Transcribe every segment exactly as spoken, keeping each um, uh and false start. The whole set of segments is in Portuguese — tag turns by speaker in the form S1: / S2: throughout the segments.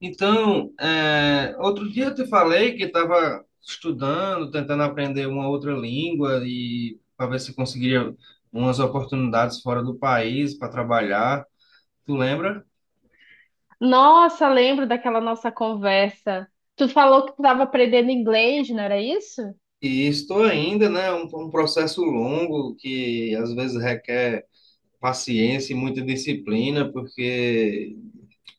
S1: Então, é, outro dia eu te falei que estava estudando, tentando aprender uma outra língua e para ver se conseguiria umas oportunidades fora do país para trabalhar. Tu lembra?
S2: Nossa, lembro daquela nossa conversa. Tu falou que tu estava aprendendo inglês, não era isso?
S1: E estou ainda, né? Um, um processo longo que às vezes requer paciência e muita disciplina, porque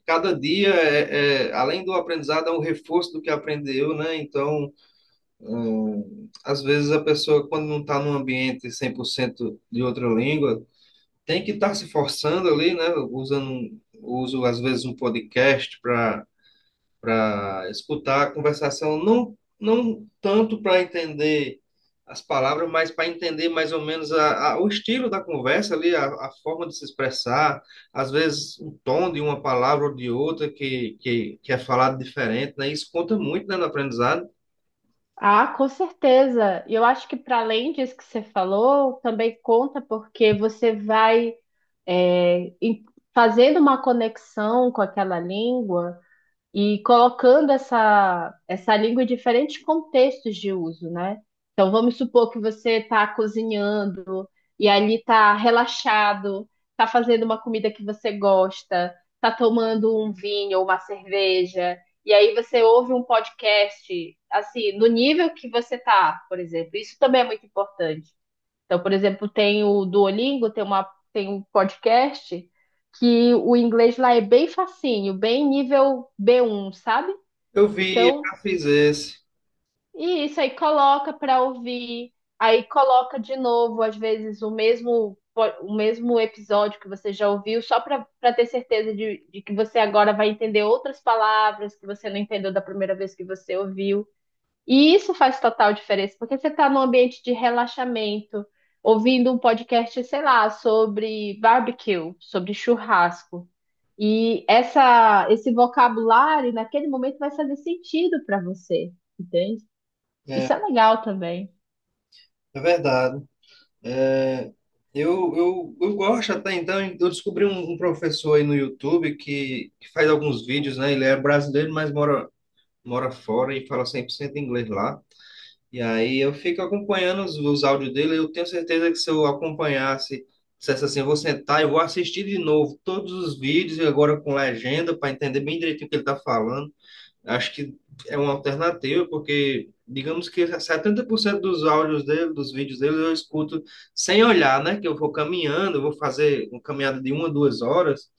S1: cada dia, é, é, além do aprendizado, é um reforço do que aprendeu, né? Então, Hum, às vezes a pessoa, quando não está num ambiente cem por cento de outra língua, tem que estar se forçando ali, né? Usando, um- uso às vezes um podcast para para escutar a conversação, não, não tanto para entender as palavras, mas para entender mais ou menos a, a- o estilo da conversa ali, a, a forma de se expressar, às vezes o tom de uma palavra ou de outra que, que, que é falado diferente, né? Isso conta muito, né, no aprendizado.
S2: Ah, com certeza. E eu acho que para além disso que você falou, também conta porque você vai é, em- fazendo uma conexão com aquela língua, e colocando essa, essa língua em diferentes contextos de uso, né? Então, vamos supor que você está cozinhando e ali está relaxado, está fazendo uma comida que você gosta, está tomando um vinho ou uma cerveja, e aí você ouve um podcast, assim, no nível que você está, por exemplo. Isso também é muito importante. Então, por exemplo, tem o Duolingo, tem uma, tem um podcast que o inglês lá é bem facinho, bem nível b um, sabe?
S1: Eu vi,
S2: Então,
S1: já fiz esse.
S2: e isso aí coloca para ouvir, aí coloca de novo, às vezes, o mesmo po- o mesmo episódio que você já ouviu, só para para ter certeza de, de que você agora vai entender outras palavras que você não entendeu da primeira vez que você ouviu. E isso faz total diferença, porque você está num ambiente de relaxamento, ouvindo um podcast, sei lá, sobre barbecue, sobre churrasco. E essa, esse vocabulário, naquele momento, vai fazer sentido para você, entende?
S1: É,
S2: Isso é legal também,
S1: é verdade. É, eu, eu, eu gosto até então. Eu descobri um, um professor aí no YouTube que, que faz alguns vídeos, né? Ele é brasileiro, mas mora, mora fora e fala cem por cento inglês lá. E aí eu fico acompanhando os, os áudios dele. Eu tenho certeza que se eu acompanhasse, dissesse assim: eu vou sentar e vou assistir de novo todos os vídeos, e agora com legenda, para entender bem direitinho o que ele está falando. Acho que é uma alternativa, porque digamos que setenta por cento dos áudios dele, dos vídeos dele, eu escuto sem olhar, né? Que eu vou caminhando, eu vou fazer uma caminhada de uma, duas horas,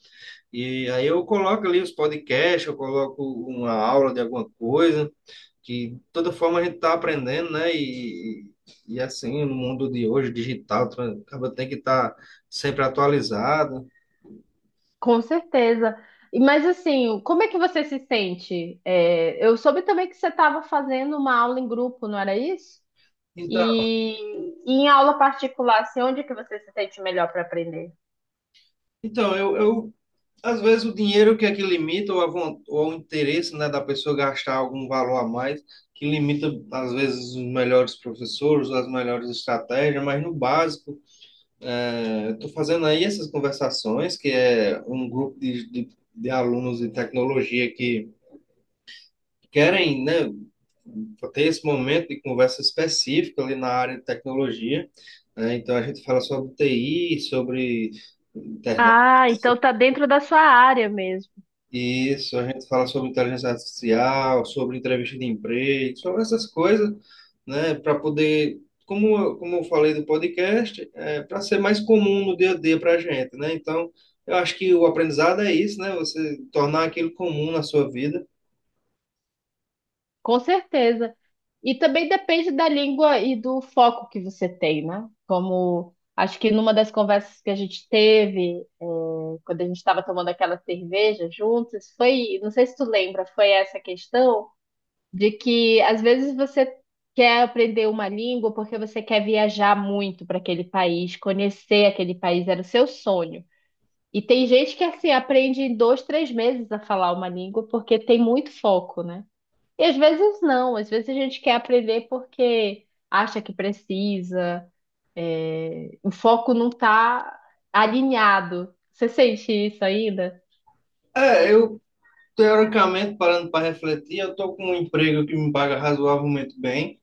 S1: e aí eu coloco ali os podcasts, eu coloco uma aula de alguma coisa, que de toda forma a gente está aprendendo, né? E, e assim, no mundo de hoje, digital, tu acaba tem que estar sempre atualizado.
S2: com certeza. E- Mas assim, como é que você se sente? É, eu soube também que você estava fazendo uma aula em grupo, não era isso?
S1: Então,
S2: E, e em aula particular, assim, onde que você se sente melhor para aprender?
S1: então eu, eu Às vezes o dinheiro que é que limita, ou, a von- ou o interesse, né, da pessoa gastar algum valor a mais, que limita, às vezes, os melhores professores, as melhores estratégias, mas no básico, é, estou fazendo aí essas conversações, que é um grupo de, de, de alunos de tecnologia que querem, né, ter esse momento de conversa específica ali na área de tecnologia, né? Então a gente fala sobre T I, sobre internet.
S2: Ah, então tá dentro da sua área mesmo.
S1: Isso, a gente fala sobre inteligência artificial, sobre entrevista de emprego, sobre essas coisas, né, para poder, como, eu- como eu falei do podcast, é, para ser mais comum no dia a dia para a gente, né? Então, eu acho que o aprendizado é isso, né? Você tornar aquilo comum na sua vida.
S2: Com certeza. E também depende da língua e do foco que você tem, né? Como acho que numa das conversas que a gente teve, eh, quando a gente estava tomando aquela cerveja juntos, foi, não sei se tu lembra, foi essa questão de que às vezes você quer aprender uma língua porque você quer viajar muito para aquele país, conhecer aquele país, era o seu sonho. E tem gente que assim aprende em dois, três meses a falar uma língua porque tem muito foco, né? E às vezes não, às vezes a gente quer aprender porque acha que precisa, é, o foco não está alinhado. Você sente isso ainda?
S1: É, eu, teoricamente, parando para refletir, eu estou com um emprego que me paga razoavelmente bem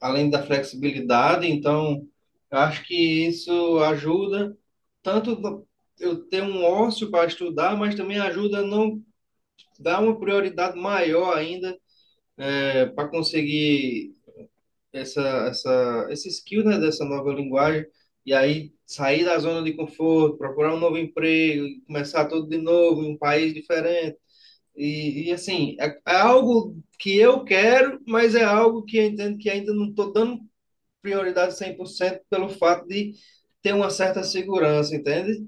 S1: além da flexibilidade, então eu acho que isso ajuda tanto do- eu ter um ócio para estudar, mas também ajuda a não dar uma prioridade maior ainda para conseguir essa, essa, esse skill, né, dessa nova linguagem, e aí sair da zona de conforto, procurar um novo emprego, e começar tudo de novo em um país diferente. E, e assim, é, é algo que eu quero, mas é algo que eu entendo que ainda não estou dando prioridade cem por cento pelo fato de ter uma certa segurança, entende?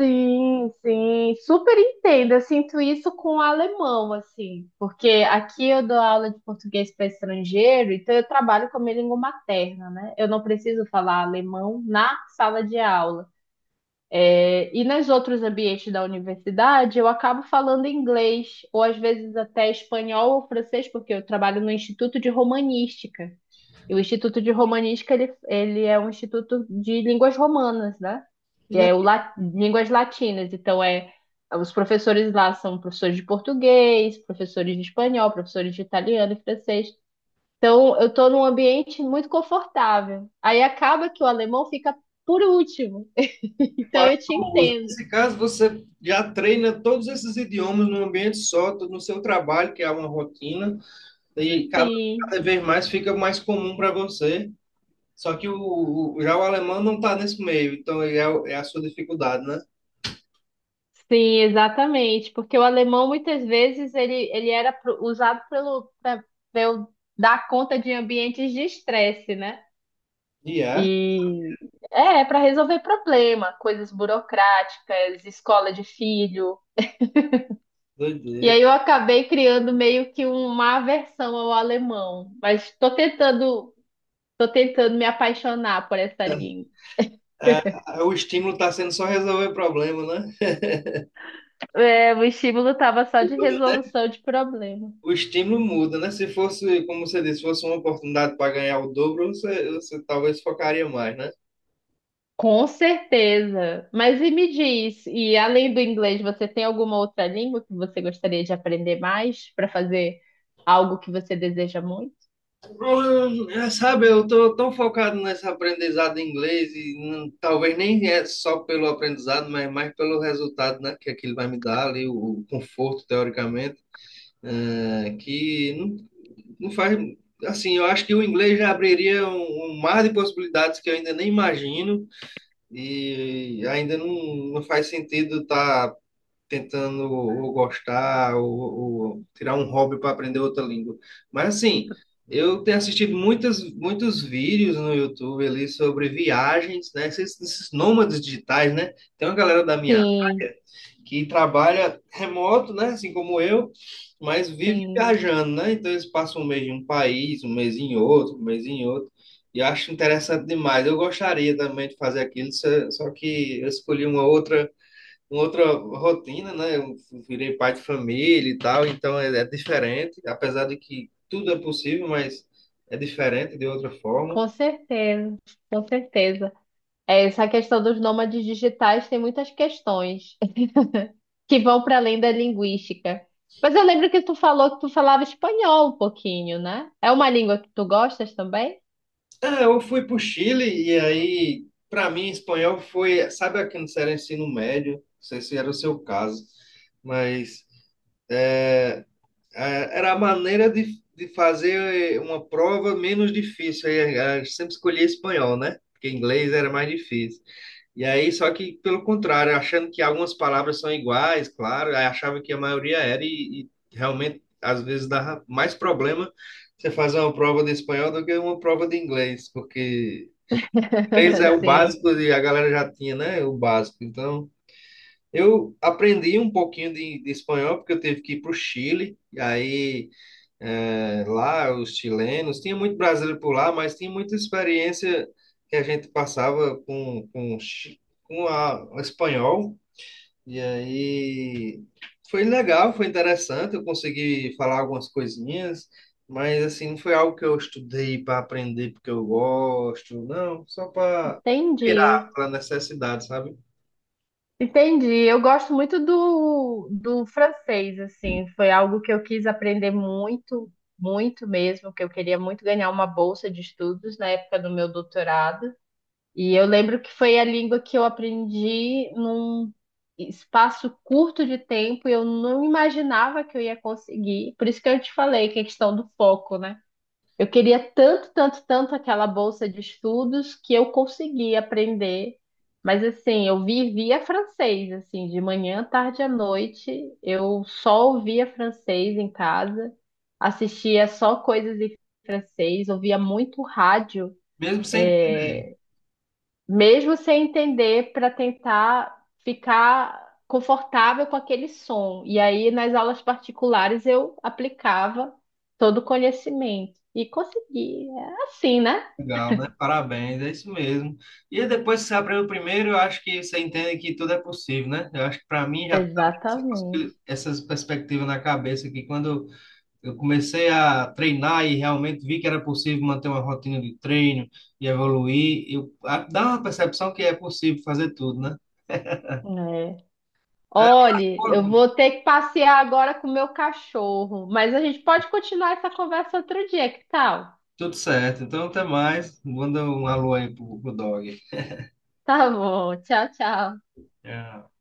S2: Sim, sim, super entendo. Eu sinto isso com o alemão, assim, porque aqui eu dou aula de português para estrangeiro, então eu trabalho com a minha língua materna, né? Eu não preciso falar alemão na sala de aula. É, e nos outros ambientes da universidade, eu acabo falando inglês, ou às vezes até espanhol ou francês, porque eu trabalho no Instituto de Romanística. E o Instituto de Romanística, ele, ele é um instituto de línguas romanas, né? E É o la- línguas latinas. Então, é, os professores lá são professores de português, professores de espanhol, professores de italiano e francês. Então, eu estou num ambiente muito confortável. Aí acaba que o alemão fica por último. Então, eu
S1: Quatro
S2: te
S1: línguas.
S2: entendo.
S1: Nesse caso, você já treina todos esses idiomas num ambiente só, no seu trabalho, que é uma rotina, e cada,
S2: Sim,
S1: cada vez mais fica mais comum para você. Só que o, o- já o alemão não está nesse meio, então ele é, o- é a sua dificuldade, né?
S2: sim, exatamente, porque o alemão muitas vezes ele, ele era pro- usado pelo para eu dar conta de ambientes de estresse, né?
S1: E é,
S2: E é para resolver problema, coisas burocráticas, escola de filho. E
S1: doideira.
S2: aí eu acabei criando meio que uma aversão ao alemão, mas estou tentando, tô tentando me apaixonar por essa língua.
S1: É, o estímulo está sendo só resolver problema, né?
S2: É, o estímulo estava só de resolução de problema.
S1: O estímulo muda, né? Se fosse, como você disse, fosse uma oportunidade para ganhar o dobro, você, você talvez focaria mais, né?
S2: Com certeza. Mas e me diz, e além do inglês, você tem alguma outra língua que você gostaria de aprender mais para fazer algo que você deseja muito?
S1: Eu- eu- Sabe, eu tô tão focado nesse aprendizado em inglês e hum, talvez nem é só pelo aprendizado, mas mais pelo resultado, né? Que aquilo vai me dar ali, o, o conforto, teoricamente, é, que não, não faz. Assim, eu acho que o inglês já abriria um, um mar de possibilidades que eu ainda nem imagino e ainda não, não faz sentido estar tentando ou gostar ou, ou tirar um hobby para aprender outra língua. Mas assim, eu tenho assistido muitas, muitos vídeos no YouTube ali sobre viagens, né? Esses, esses nômades digitais, né? Tem uma galera da minha
S2: Sim,
S1: área que trabalha remoto, né? Assim como eu, mas vive
S2: sim,
S1: viajando, né? Então eles passam um mês em um país, um mês em outro, um mês em outro. E eu acho interessante demais. Eu gostaria também de fazer aquilo, só só que eu escolhi uma outra uma outra rotina, né? Eu virei pai de família e tal, então é, é diferente, apesar de que tudo é possível, mas é diferente de outra forma.
S2: com certeza, com certeza. É, essa questão dos nômades digitais tem muitas questões que vão para além da linguística. Mas eu lembro que tu falou que tu falava espanhol um pouquinho, né? É uma língua que tu gostas também?
S1: Ah, eu fui para o Chile e aí, para mim, espanhol foi, sabe, aqui no era ensino médio, não sei se era o seu caso, mas É, Era a maneira de, de fazer eh, uma prova menos difícil. Aí, eh, Eu sempre escolhia espanhol, né? Porque inglês era mais difícil. E aí, só que pelo contrário, achando que algumas palavras são iguais, claro, aí achava que a maioria era e, e realmente às vezes dava mais problema você fazer uma prova de espanhol do que uma prova de inglês, porque inglês é o
S2: Sim,
S1: básico e a galera já tinha, né? O básico. Então, eu aprendi um pouquinho de, de espanhol porque eu tive que ir para o Chile, e aí. É, lá, os chilenos, tinha muito brasileiro por lá, mas tinha muita experiência que a gente passava com, com, chi- com a, o espanhol. E aí foi legal, foi interessante. Eu consegui falar algumas coisinhas, mas assim, não foi algo que eu estudei para aprender porque eu gosto, não, só para virar,
S2: entendi.
S1: pela necessidade, sabe?
S2: Entendi. Eu gosto muito do, do francês, assim. Foi algo que eu quis aprender muito, muito mesmo, que eu queria muito ganhar uma bolsa de estudos na época do meu doutorado. E eu lembro que foi a língua que eu aprendi num espaço curto de tempo e eu não imaginava que eu ia conseguir. Por isso que eu te falei que é questão do foco, né? Eu queria tanto, tanto, tanto aquela bolsa de estudos que eu consegui aprender. Mas assim, eu vivia francês, assim, de manhã, tarde à noite, eu só ouvia francês em casa, assistia só coisas em francês, ouvia muito rádio,
S1: Mesmo sem
S2: mesmo sem entender, para tentar ficar confortável com aquele som. E aí, nas aulas particulares, eu aplicava todo o conhecimento e consegui. É assim, né?
S1: Legal, né? Parabéns, é isso mesmo. E aí, depois que você aprende o primeiro, eu acho que você entende que tudo é possível, né? Eu acho que para mim já estava essa,
S2: Exatamente.
S1: possi- essas perspectivas na cabeça que quando eu comecei a treinar e realmente vi que era possível manter uma rotina de treino e evoluir, eu a- dá uma percepção que é possível fazer tudo, né?
S2: É.
S1: É,
S2: Olhe, eu
S1: pô,
S2: vou ter que passear agora com o meu cachorro, mas a gente pode continuar essa conversa outro dia, que tal?
S1: tudo certo. Então, até mais. Manda um alô aí pro, pro dog.
S2: Tá bom, tchau, tchau.
S1: É.